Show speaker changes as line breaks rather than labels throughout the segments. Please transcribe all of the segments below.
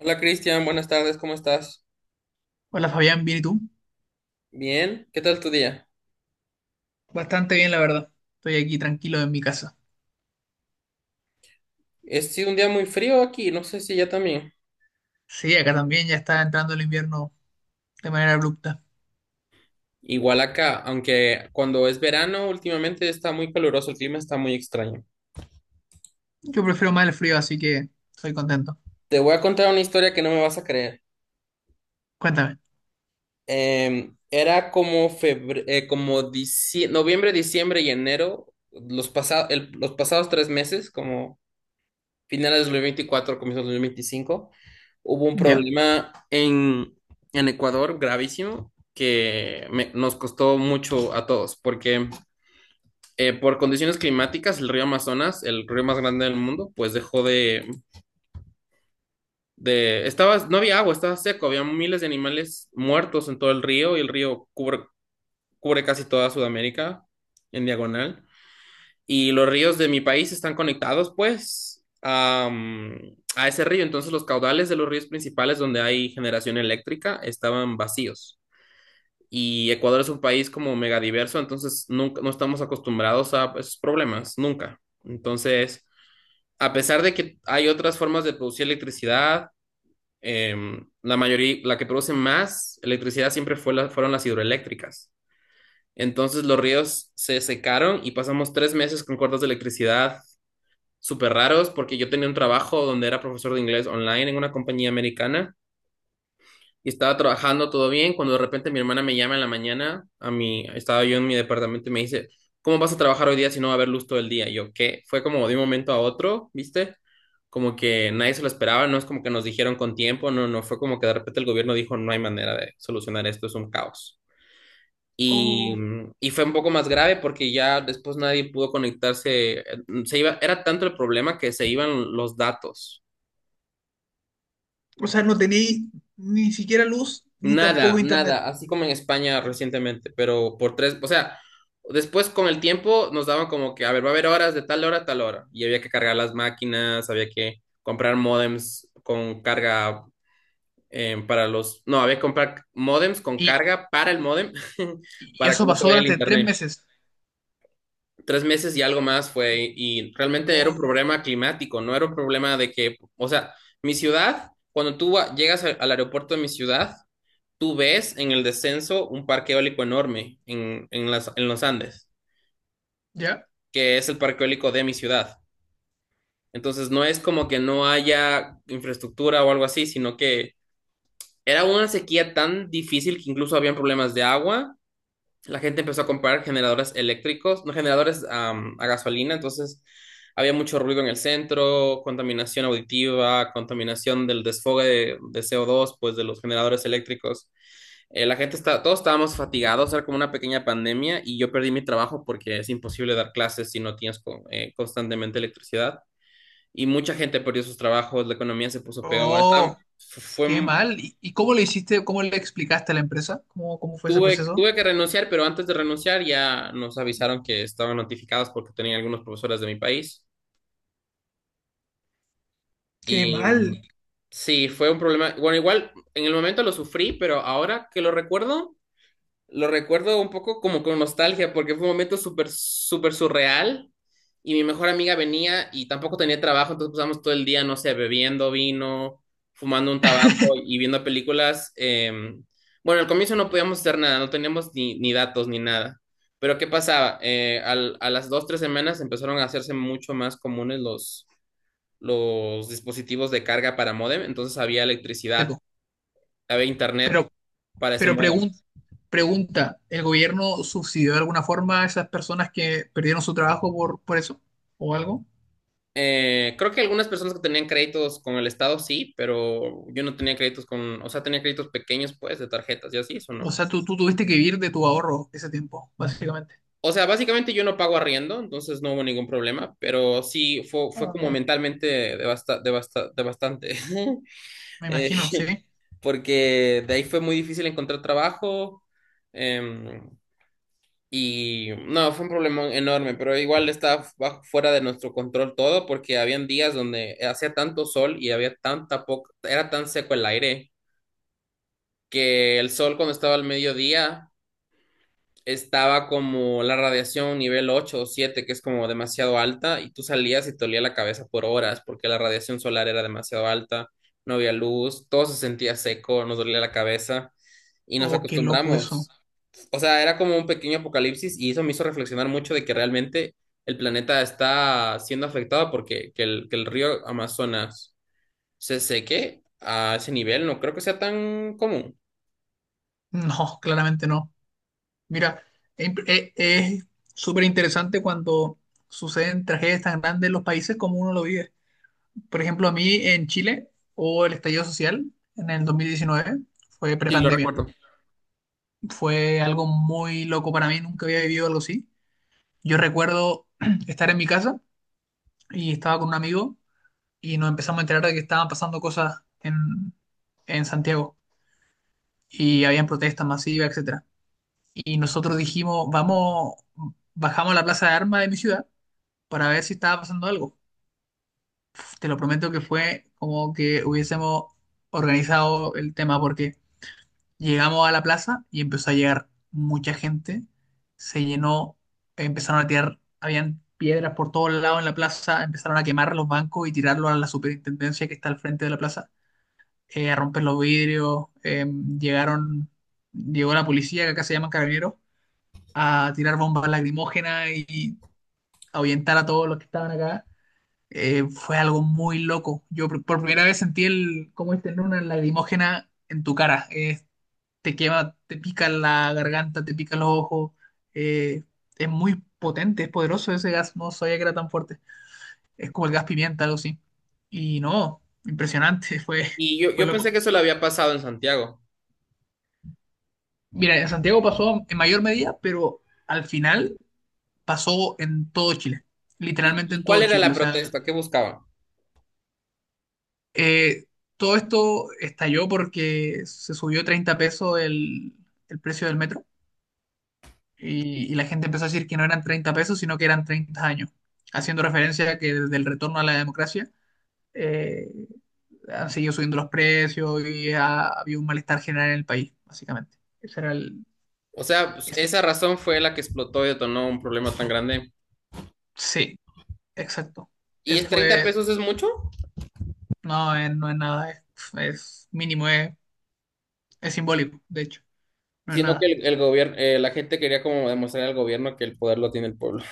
Hola Cristian, buenas tardes, ¿cómo estás?
Hola Fabián, ¿bien y tú?
Bien, ¿qué tal tu día?
Bastante bien, la verdad. Estoy aquí tranquilo en mi casa.
Ha sido un día muy frío aquí, no sé si ya también.
Sí, acá también ya está entrando el invierno de manera abrupta.
Igual acá, aunque cuando es verano últimamente está muy caluroso, el clima está muy extraño.
Yo prefiero más el frío, así que estoy contento.
Te voy a contar una historia que no me vas a creer.
Cuéntame.
Era como noviembre, diciembre y enero, los pasados 3 meses, como finales de 2024, comienzos de 2025, hubo un
¿Ya?
problema en Ecuador gravísimo que nos costó mucho a todos, porque por condiciones climáticas el río Amazonas, el río más grande del mundo, pues dejó de, estaba, no había agua, estaba seco, había miles de animales muertos en todo el río y el río cubre casi toda Sudamérica en diagonal. Y los ríos de mi país están conectados, pues, a ese río. Entonces, los caudales de los ríos principales donde hay generación eléctrica estaban vacíos. Y Ecuador es un país como megadiverso, entonces nunca, no estamos acostumbrados a esos problemas, nunca. Entonces, a pesar de que hay otras formas de producir electricidad, la mayoría, la que produce más electricidad siempre fueron las hidroeléctricas. Entonces los ríos se secaron y pasamos 3 meses con cortes de electricidad súper raros porque yo tenía un trabajo donde era profesor de inglés online en una compañía americana y estaba trabajando todo bien cuando de repente mi hermana me llama en la mañana, a mí, estaba yo en mi departamento y me dice, ¿cómo vas a trabajar hoy día si no va a haber luz todo el día? Y yo, ¿qué? Fue como de un momento a otro, ¿viste? Como que nadie se lo esperaba, no es como que nos dijeron con tiempo, no, no, fue como que de repente el gobierno dijo, no hay manera de solucionar esto, es un caos. Y,
Oh,
y fue un poco más grave porque ya después nadie pudo conectarse. Se iba, era tanto el problema que se iban los datos.
o sea, no tenéis ni siquiera luz ni
Nada,
tampoco internet.
nada, así como en España recientemente, pero por tres, o sea, después con el tiempo nos daban como que, a ver, va a haber horas de tal hora a tal hora, y había que cargar las máquinas, había que comprar módems con carga para los, no, había que comprar módems con
Y,
carga para el módem,
y
para que
eso
no se
pasó
vaya el
durante tres
internet.
meses.
Tres meses y algo más fue, y realmente era un
Oh,
problema climático, no era un problema de que, o sea, mi ciudad, cuando tú llegas al aeropuerto de mi ciudad, tú ves en el descenso un parque eólico enorme en los Andes,
¿ya?
que es el parque eólico de mi ciudad. Entonces, no es como que no haya infraestructura o algo así, sino que era una sequía tan difícil que incluso habían problemas de agua. La gente empezó a comprar generadores eléctricos, no generadores a gasolina, entonces había mucho ruido en el centro, contaminación auditiva, contaminación del desfogue de CO2, pues de los generadores eléctricos. La gente está, todos estábamos fatigados, era como una pequeña pandemia y yo perdí mi trabajo porque es imposible dar clases si no tienes constantemente electricidad. Y mucha gente perdió sus trabajos, la economía se puso peor,
Oh,
fue.
qué mal. ¿Y cómo le hiciste, cómo le explicaste a la empresa? ¿Cómo fue ese proceso?
Tuve que renunciar, pero antes de renunciar ya nos avisaron que estaban notificados porque tenían algunos profesores de mi país.
Qué
Y
mal.
sí, fue un problema. Bueno, igual en el momento lo sufrí, pero ahora que lo recuerdo, lo recuerdo un poco como con nostalgia, porque fue un momento súper, súper surreal. Y mi mejor amiga venía y tampoco tenía trabajo, entonces pasamos todo el día, no sé, bebiendo vino, fumando un tabaco y viendo películas. Bueno, al comienzo no podíamos hacer nada, no teníamos ni datos ni nada. Pero ¿qué pasaba? A las 2, 3 semanas empezaron a hacerse mucho más comunes los dispositivos de carga para módem, entonces había
Sí,
electricidad,
po.
había internet
Pero,
para ese
Pero
módem.
pregun- pregunta, ¿el gobierno subsidió de alguna forma a esas personas que perdieron su trabajo por eso? ¿O algo?
Creo que algunas personas que tenían créditos con el Estado sí, pero yo no tenía créditos con, o sea, tenía créditos pequeños, pues, de tarjetas y así, eso
O
no.
sea, tú tuviste que vivir de tu ahorro ese tiempo, básicamente.
O sea, básicamente yo no pago arriendo, entonces no hubo ningún problema, pero sí fue, fue
Ah,
como
ya.
mentalmente devastante,
Me
Eh,
imagino, ¿sí?
porque de ahí fue muy difícil encontrar trabajo. em, Y no, fue un problema enorme, pero igual estaba fuera de nuestro control todo porque habían días donde hacía tanto sol y había tanta poca, era tan seco el aire que el sol cuando estaba al mediodía estaba como la radiación nivel 8 o 7, que es como demasiado alta, y tú salías y te olía la cabeza por horas porque la radiación solar era demasiado alta, no había luz, todo se sentía seco, nos dolía la cabeza y nos
Oh, qué loco eso.
acostumbramos. O sea, era como un pequeño apocalipsis y eso me hizo reflexionar mucho de que realmente el planeta está siendo afectado porque que que el río Amazonas se seque a ese nivel, no creo que sea tan común.
No, claramente no. Mira, es súper interesante cuando suceden tragedias tan grandes en los países como uno lo vive. Por ejemplo, a mí en Chile, o el estallido social en el 2019, fue
Sí, lo
prepandemia.
recuerdo.
Fue algo muy loco para mí, nunca había vivido algo así. Yo recuerdo estar en mi casa y estaba con un amigo y nos empezamos a enterar de que estaban pasando cosas en Santiago y habían protestas masivas, etcétera. Y nosotros dijimos, vamos, bajamos a la plaza de armas de mi ciudad para ver si estaba pasando algo. Te lo prometo que fue como que hubiésemos organizado el tema porque llegamos a la plaza y empezó a llegar mucha gente. Se llenó, empezaron a tirar, habían piedras por todos lados en la plaza, empezaron a quemar los bancos y tirarlos a la superintendencia que está al frente de la plaza, a romper los vidrios. Llegaron, llegó la policía, que acá se llaman carabineros, a tirar bombas lacrimógenas y ahuyentar a todos los que estaban acá. Fue algo muy loco. Yo por primera vez sentí el cómo es tener una lacrimógena en tu cara. Es, te quema, te pica la garganta, te pica los ojos. eh, es muy potente, es poderoso ese gas, no sabía que era tan fuerte. Es como el gas pimienta, algo así. Y no, impresionante,
Y
fue
yo pensé
loco.
que eso le había pasado en Santiago.
Mira, en Santiago pasó en mayor medida, pero al final pasó en todo Chile, literalmente en
Y cuál
todo
era
Chile.
la
O sea,
protesta? ¿Qué buscaban?
eh, todo esto estalló porque se subió 30 pesos el precio del metro y la gente empezó a decir que no eran 30 pesos, sino que eran 30 años, haciendo referencia a que desde el retorno a la democracia eh, han seguido subiendo los precios y habido un malestar general en el país, básicamente. Ese era el...
O sea, pues,
ese-
esa razón fue la que explotó y detonó un problema tan grande.
sí, exacto.
¿Y
Ese
es 30
fue...
pesos es mucho?
No, no es nada, es mínimo, es simbólico, de hecho, no es
Sino que
nada.
el gobierno, la gente quería como demostrar al gobierno que el poder lo tiene el pueblo.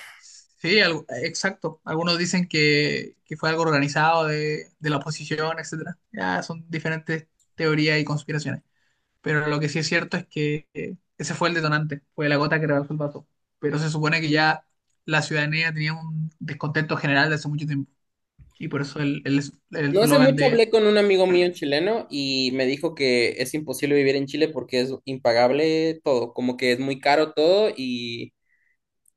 Sí, exacto. Algunos dicen que fue algo organizado de la oposición, etcétera. Ya son diferentes teorías y conspiraciones. Pero lo que sí es cierto es que ese fue el detonante, fue la gota que rebasó el vaso. Pero se supone que ya la ciudadanía tenía un descontento general de hace mucho tiempo. Y por eso el
No hace
eslogan
mucho
de...
hablé con un amigo mío chileno y me dijo que es imposible vivir en Chile porque es impagable todo, como que es muy caro todo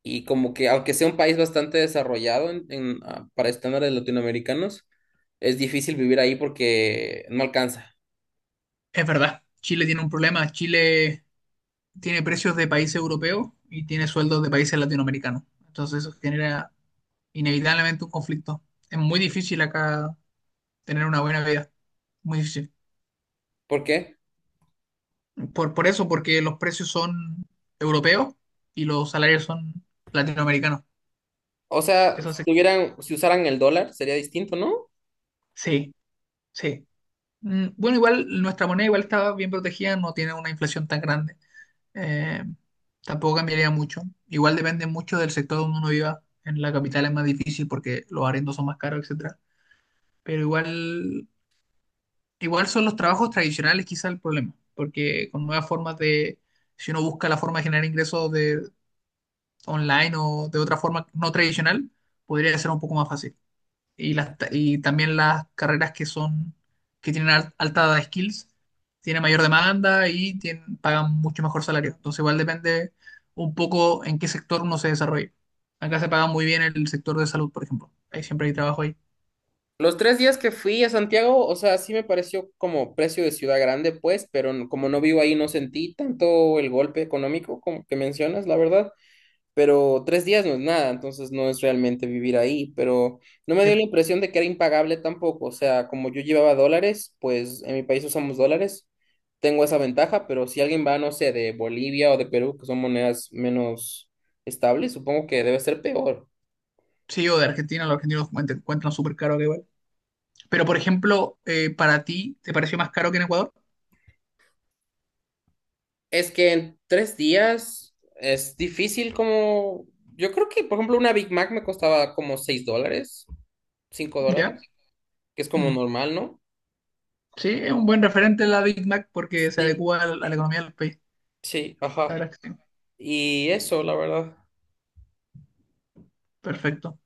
y como que aunque sea un país bastante desarrollado para estándares latinoamericanos, es difícil vivir ahí porque no alcanza.
Es verdad, Chile tiene un problema, Chile tiene precios de países europeos y tiene sueldos de países latinoamericanos. Entonces eso genera inevitablemente un conflicto. Es muy difícil acá tener una buena vida. Muy difícil.
¿Por qué?
Por eso, porque los precios son europeos y los salarios son latinoamericanos.
O sea,
Eso
si
se-
tuvieran, si usaran el dólar sería distinto, ¿no?
sí, sí. Mm, bueno, igual nuestra moneda igual está bien protegida, no tiene una inflación tan grande. Eh, Tampoco cambiaría mucho. Igual depende mucho del sector donde uno viva. En la capital es más difícil porque los arriendos son más caros, etcétera. Pero igual, igual son los trabajos tradicionales quizá el problema, porque con nuevas formas si uno busca la forma de generar ingresos de online o de otra forma no tradicional, podría ser un poco más fácil. Y también las carreras que son, alta skills, tienen mayor demanda y pagan mucho mejor salario. Entonces igual depende un poco en qué sector uno se desarrolle. Acá se paga muy bien el sector de salud, por ejemplo. Ahí siempre hay trabajo ahí.
Los 3 días que fui a Santiago, o sea, sí me pareció como precio de ciudad grande, pues, pero como no vivo ahí, no sentí tanto el golpe económico como que mencionas, la verdad. Pero 3 días no es nada, entonces no es realmente vivir ahí. Pero no me
Eh,
dio la impresión de que era impagable tampoco. O sea, como yo llevaba dólares, pues en mi país usamos dólares, tengo esa ventaja, pero si alguien va, no sé, de Bolivia o de Perú, que son monedas menos estables, supongo que debe ser peor.
Sí, o de Argentina, los argentinos encuentran súper caro acá igual. Pero, por ejemplo, para ti, ¿te pareció más caro que en Ecuador?
Es que en 3 días es difícil como... Yo creo que, por ejemplo, una Big Mac me costaba como $6, $5,
¿Ya?
que es como
Mm.
normal, ¿no?
Sí, es un buen referente la Big Mac porque se
Sí.
adecua a la economía del país.
Sí,
La
ajá.
verdad es que sí.
Y eso, la verdad.
Perfecto.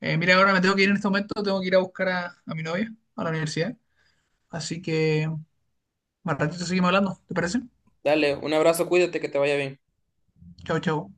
Mira, ahora me tengo que ir en este momento, tengo que ir a buscar a mi novia a la universidad. Así que, más ratito seguimos hablando, ¿te parece?
Dale, un abrazo, cuídate, que te vaya bien.
Chau, chau.